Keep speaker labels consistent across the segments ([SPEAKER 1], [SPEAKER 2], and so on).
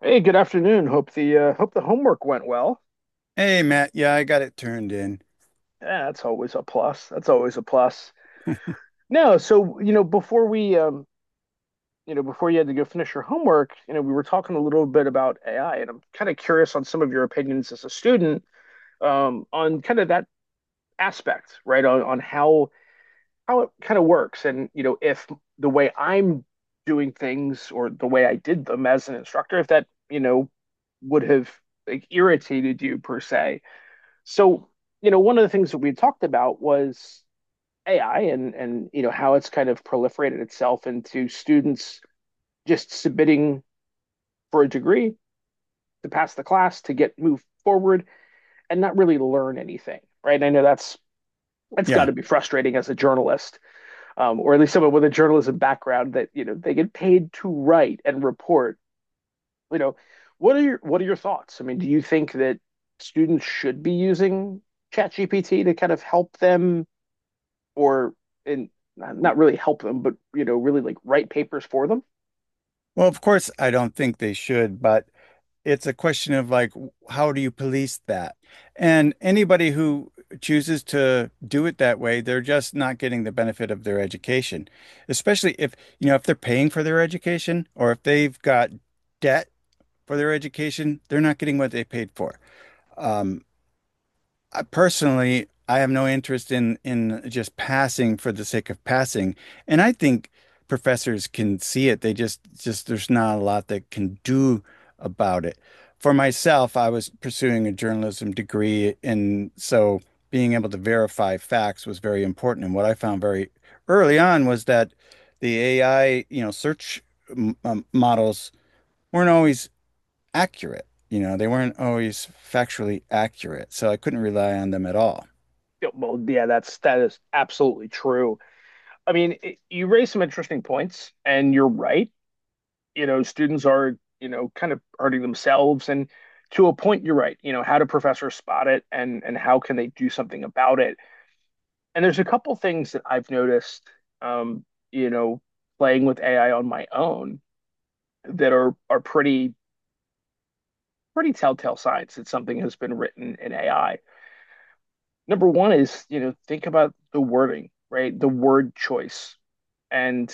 [SPEAKER 1] Hey, good afternoon. Hope the homework went well.
[SPEAKER 2] Hey, Matt. Yeah, I got it turned in.
[SPEAKER 1] Yeah, that's always a plus. That's always a plus. No, so you know, before we you know, before you had to go finish your homework, you know, we were talking a little bit about AI, and I'm kind of curious on some of your opinions as a student on kind of that aspect, right? On how it kind of works, and you know, if the way I'm doing things or the way I did them as an instructor, if that, you know, would have like irritated you per se. So, you know, one of the things that we talked about was AI, and you know how it's kind of proliferated itself into students just submitting for a degree to pass the class to get moved forward and not really learn anything, right? And I know that's got
[SPEAKER 2] Yeah.
[SPEAKER 1] to be frustrating as a journalist, or at least someone with a journalism background that you know they get paid to write and report. You know, what are your thoughts? I mean, do you think that students should be using ChatGPT to kind of help them? Or and Not really help them, but you know, really like write papers for them.
[SPEAKER 2] Well, of course, I don't think they should, but it's a question of like, how do you police that? And anybody who chooses to do it that way, they're just not getting the benefit of their education, especially if, you know, if they're paying for their education or if they've got debt for their education, they're not getting what they paid for. Um, I personally, I have no interest in just passing for the sake of passing. And I think professors can see it. They just there's not a lot that can do about it. For myself, I was pursuing a journalism degree, and so being able to verify facts was very important. And what I found very early on was that the AI, you know, search models weren't always accurate. You know, they weren't always factually accurate, so I couldn't rely on them at all.
[SPEAKER 1] Yeah. Well, yeah, that is absolutely true. I mean, it, you raise some interesting points, and you're right. You know, students are you know kind of hurting themselves, and to a point, you're right. You know, how do professors spot it, and how can they do something about it? And there's a couple things that I've noticed, um, you know, playing with AI on my own that are pretty pretty telltale signs that something has been written in AI. Number one is, you know, think about the wording, right? The word choice. And,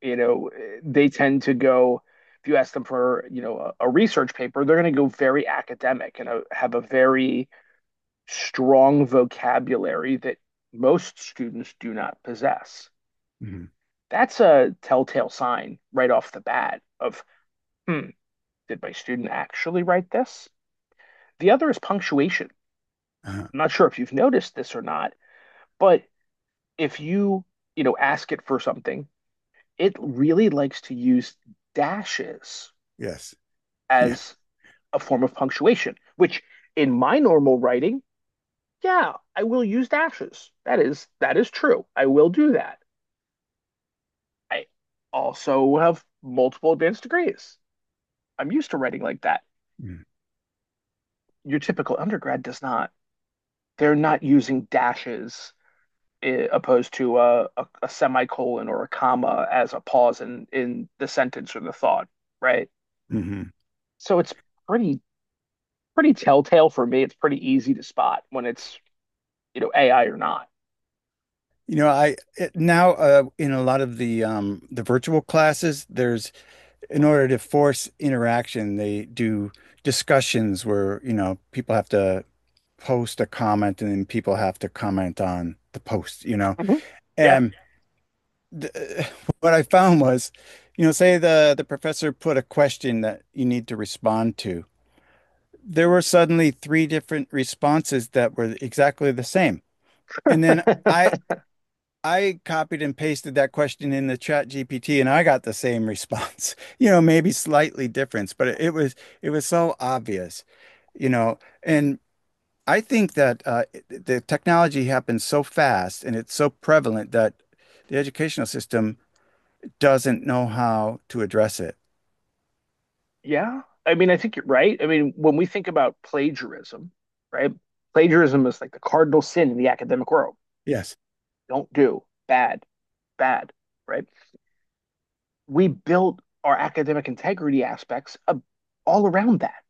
[SPEAKER 1] you know, they tend to go, if you ask them for, you know, a research paper, they're going to go very academic and have a very strong vocabulary that most students do not possess.
[SPEAKER 2] Mhm.
[SPEAKER 1] That's a telltale sign right off the bat of, hmm, did my student actually write this? The other is punctuation.
[SPEAKER 2] Uh-huh.
[SPEAKER 1] I'm not sure if you've noticed this or not, but if you, you know, ask it for something, it really likes to use dashes
[SPEAKER 2] Yes. Yeah.
[SPEAKER 1] as a form of punctuation, which in my normal writing, yeah, I will use dashes. That is true. I will do that. I also have multiple advanced degrees. I'm used to writing like that.
[SPEAKER 2] Mm.
[SPEAKER 1] Your typical undergrad does not. They're not using dashes opposed to a semicolon or a comma as a pause in the sentence or the thought, right?
[SPEAKER 2] Mhm.
[SPEAKER 1] So it's pretty pretty telltale for me. It's pretty easy to spot when it's, you know, AI or not.
[SPEAKER 2] You know, I it, now in a lot of the virtual classes, there's in order to force interaction, they do discussions where, you know, people have to post a comment and then people have to comment on the post, you know.
[SPEAKER 1] Mhm. Yeah.
[SPEAKER 2] And th- what I found was, you know, say the professor put a question that you need to respond to. There were suddenly three different responses that were exactly the same. And then I I copied and pasted that question in the chat GPT and I got the same response. You know, maybe slightly different, but it was so obvious, you know. And I think that the technology happens so fast and it's so prevalent that the educational system doesn't know how to address it.
[SPEAKER 1] Yeah. I mean, I think you're right. I mean, when we think about plagiarism, right? Plagiarism is like the cardinal sin in the academic world.
[SPEAKER 2] Yes.
[SPEAKER 1] Don't do bad, bad, right? We built our academic integrity all around that,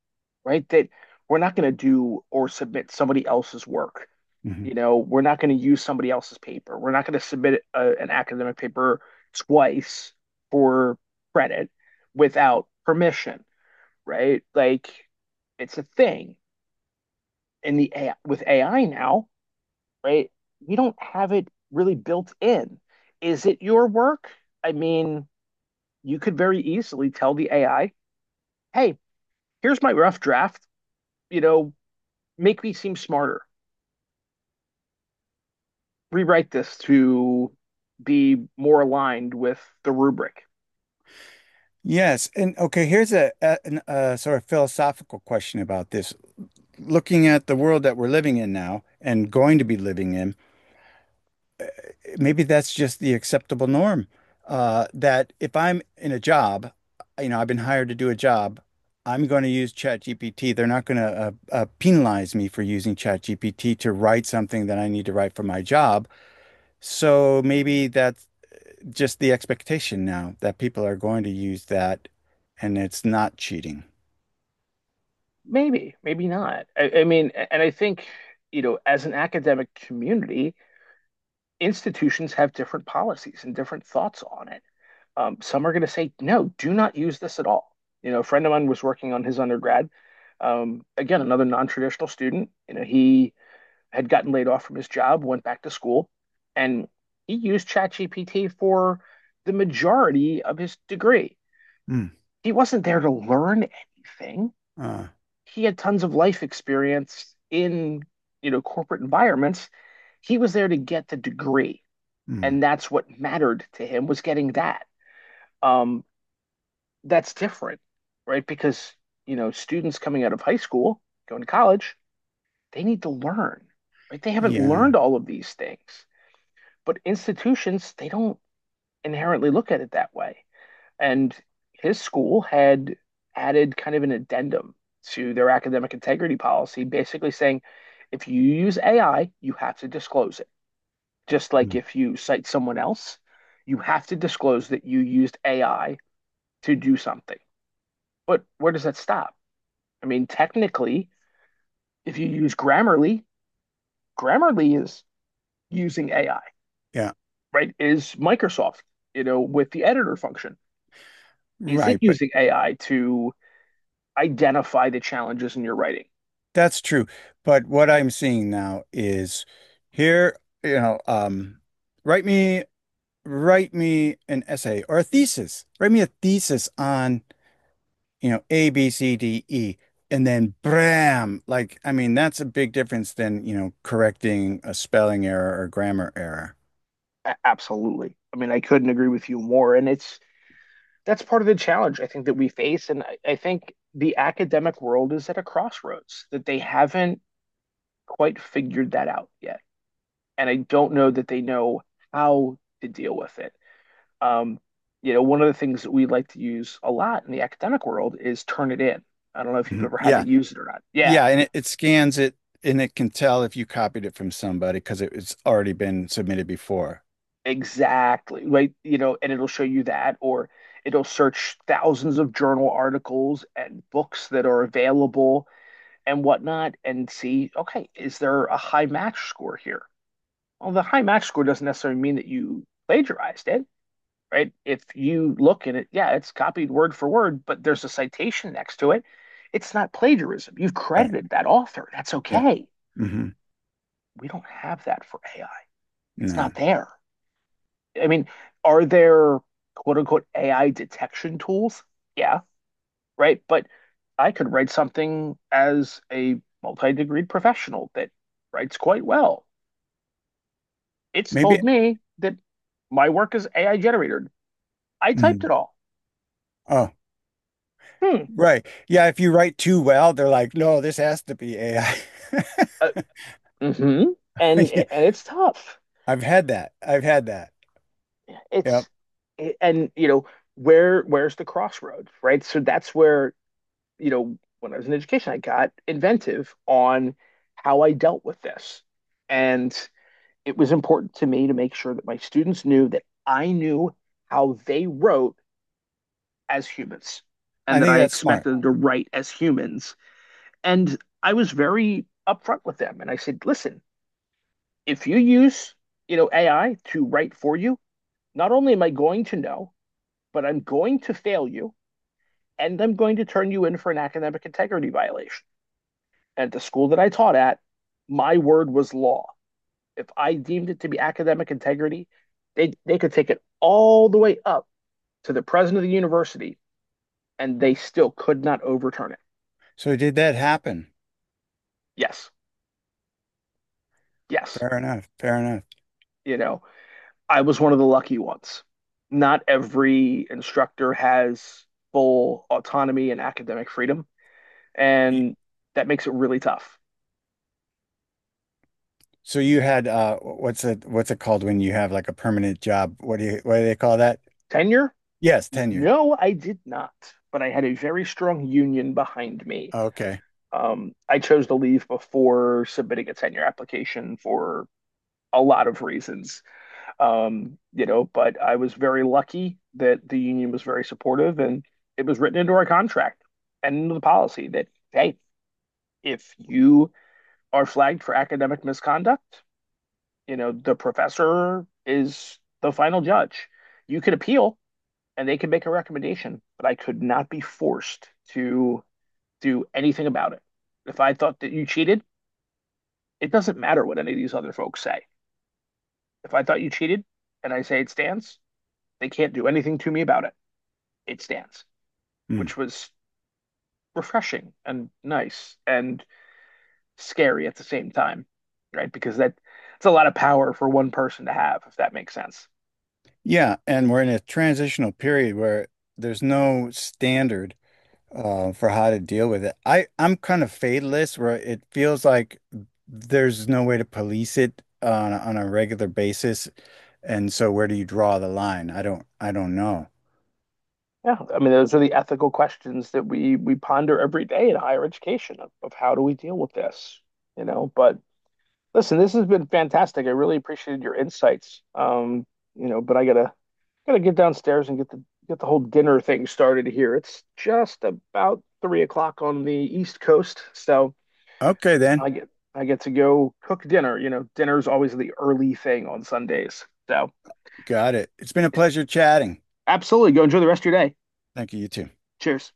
[SPEAKER 1] right? That we're not going to do or submit somebody else's work.
[SPEAKER 2] Mhm.
[SPEAKER 1] You know, we're not going to use somebody else's paper. We're not going to submit an academic paper twice for credit without permission, right? Like it's a thing with AI now, right? You don't have it really built in. Is it your work? I mean, you could very easily tell the AI, "Hey, here's my rough draft. You know, make me seem smarter. Rewrite this to be more aligned with the rubric."
[SPEAKER 2] Yes. And okay, here's a sort of philosophical question about this. Looking at the world that we're living in now and going to be living in, maybe that's just the acceptable norm. That if I'm in a job, you know, I've been hired to do a job, I'm going to use ChatGPT. They're not going to penalize me for using ChatGPT to write something that I need to write for my job. So maybe that's just the expectation now that people are going to use that and it's not cheating.
[SPEAKER 1] Maybe, maybe not. I mean, and I think, you know, as an academic community, institutions have different policies and different thoughts on it. Some are going to say, no, do not use this at all. You know, a friend of mine was working on his undergrad. Again, another non-traditional student. You know, he had gotten laid off from his job, went back to school, and he used ChatGPT for the majority of his degree.
[SPEAKER 2] Hmm.
[SPEAKER 1] He wasn't there to learn anything.
[SPEAKER 2] Uh,
[SPEAKER 1] He had tons of life experience in, you know, corporate environments. He was there to get the degree,
[SPEAKER 2] hmm.
[SPEAKER 1] and that's what mattered to him was getting that. Um, that's different, right? Because, you know, students coming out of high school, going to college, they need to learn, right? They haven't learned
[SPEAKER 2] Yeah.
[SPEAKER 1] all of these things, but institutions, they don't inherently look at it that way. And his school had added kind of an addendum to their academic integrity policy, basically saying if you use AI, you have to disclose it. Just like
[SPEAKER 2] Hmm.
[SPEAKER 1] if you cite someone else, you have to disclose that you used AI to do something. But where does that stop? I mean, technically, if you use Grammarly, Grammarly is using AI,
[SPEAKER 2] Yeah.
[SPEAKER 1] right? Is Microsoft, you know, with the editor function, is it
[SPEAKER 2] Right. But
[SPEAKER 1] using AI to identify the challenges in your writing?
[SPEAKER 2] that's true. But what I'm seeing now is here, you know, write me write me an essay or a thesis. Write me a thesis on, you know, A, B, C, D, E, and then bram. Like, I mean, that's a big difference than, you know, correcting a spelling error or grammar error.
[SPEAKER 1] A- absolutely. I mean, I couldn't agree with you more. And it's that's part of the challenge I think that we face. And I think the academic world is at a crossroads that they haven't quite figured that out yet. And I don't know that they know how to deal with it. Um, you know, one of the things that we like to use a lot in the academic world is Turnitin. I don't know if you've
[SPEAKER 2] Mhm.
[SPEAKER 1] ever had to
[SPEAKER 2] Yeah.
[SPEAKER 1] use it or not. Yeah,
[SPEAKER 2] Yeah, and it scans it and it can tell if you copied it from somebody because it's already been submitted before.
[SPEAKER 1] exactly. Right, you know, and it'll show you that, or it'll search thousands of journal articles and books that are available and whatnot and see, okay, is there a high match score here? Well, the high match score doesn't necessarily mean that you plagiarized it, right? If you look at it, yeah, it's copied word for word, but there's a citation next to it. It's not plagiarism. You've
[SPEAKER 2] Right.
[SPEAKER 1] credited that author. That's
[SPEAKER 2] Yeah.
[SPEAKER 1] okay.
[SPEAKER 2] Hmm.
[SPEAKER 1] We don't have that for AI. It's not
[SPEAKER 2] No.
[SPEAKER 1] there. I mean, are there quote unquote AI detection tools? Yeah, right. But I could write something as a multi-degreed professional that writes quite well. It's
[SPEAKER 2] Maybe.
[SPEAKER 1] told me that my work is AI generated. I typed
[SPEAKER 2] Mhm.
[SPEAKER 1] it all.
[SPEAKER 2] Oh,
[SPEAKER 1] Hmm.
[SPEAKER 2] right. Yeah, if you write too well, they're like, no, this has to be AI.
[SPEAKER 1] Uh, hmm
[SPEAKER 2] Yeah,
[SPEAKER 1] and it's tough.
[SPEAKER 2] I've had that. I've had that. Yep.
[SPEAKER 1] It's And you know where where's the crossroads, right? So that's where you know when I was in education, I got inventive on how I dealt with this, and it was important to me to make sure that my students knew that I knew how they wrote as humans, and
[SPEAKER 2] I
[SPEAKER 1] that
[SPEAKER 2] think
[SPEAKER 1] I
[SPEAKER 2] that's smart.
[SPEAKER 1] expected them to write as humans. And I was very upfront with them, and I said, listen, if you use you know AI to write for you, not only am I going to know, but I'm going to fail you and I'm going to turn you in for an academic integrity violation. And at the school that I taught at, my word was law. If I deemed it to be academic integrity, they could take it all the way up to the president of the university and they still could not overturn it.
[SPEAKER 2] So did that happen?
[SPEAKER 1] Yes, yes.
[SPEAKER 2] Fair enough. Fair enough.
[SPEAKER 1] You know, I was one of the lucky ones. Not every instructor has full autonomy and academic freedom,
[SPEAKER 2] Y-
[SPEAKER 1] and that makes it really tough.
[SPEAKER 2] So you had what's it called when you have like a permanent job? What do they call that?
[SPEAKER 1] Tenure?
[SPEAKER 2] Yes, tenure.
[SPEAKER 1] No, I did not. But I had a very strong union behind me.
[SPEAKER 2] Okay.
[SPEAKER 1] I chose to leave before submitting a tenure application for a lot of reasons, you know. But I was very lucky that the union was very supportive, and it was written into our contract and into the policy that hey, if you are flagged for academic misconduct, you know the professor is the final judge. You could appeal, and they could make a recommendation, but I could not be forced to do anything about it. If I thought that you cheated, it doesn't matter what any of these other folks say. If I thought you cheated and I say it stands, they can't do anything to me about it. It stands,
[SPEAKER 2] Hmm.
[SPEAKER 1] which was refreshing and nice and scary at the same time, right? Because that it's a lot of power for one person to have, if that makes sense.
[SPEAKER 2] Yeah, and we're in a transitional period where there's no standard for how to deal with it. I'm kind of fatalist where it feels like there's no way to police it on on a regular basis, and so where do you draw the line? I don't know.
[SPEAKER 1] Yeah, I mean, those are the ethical questions that we ponder every day in higher education of how do we deal with this, you know? But listen, this has been fantastic. I really appreciated your insights. You know, but I gotta gotta get downstairs and get the whole dinner thing started here. It's just about 3 o'clock on the East Coast, so
[SPEAKER 2] Okay then,
[SPEAKER 1] I get to go cook dinner. You know, dinner's always the early thing on Sundays. So
[SPEAKER 2] got it. It's been a pleasure chatting.
[SPEAKER 1] absolutely, go enjoy the rest of your day.
[SPEAKER 2] Thank you, you too.
[SPEAKER 1] Cheers.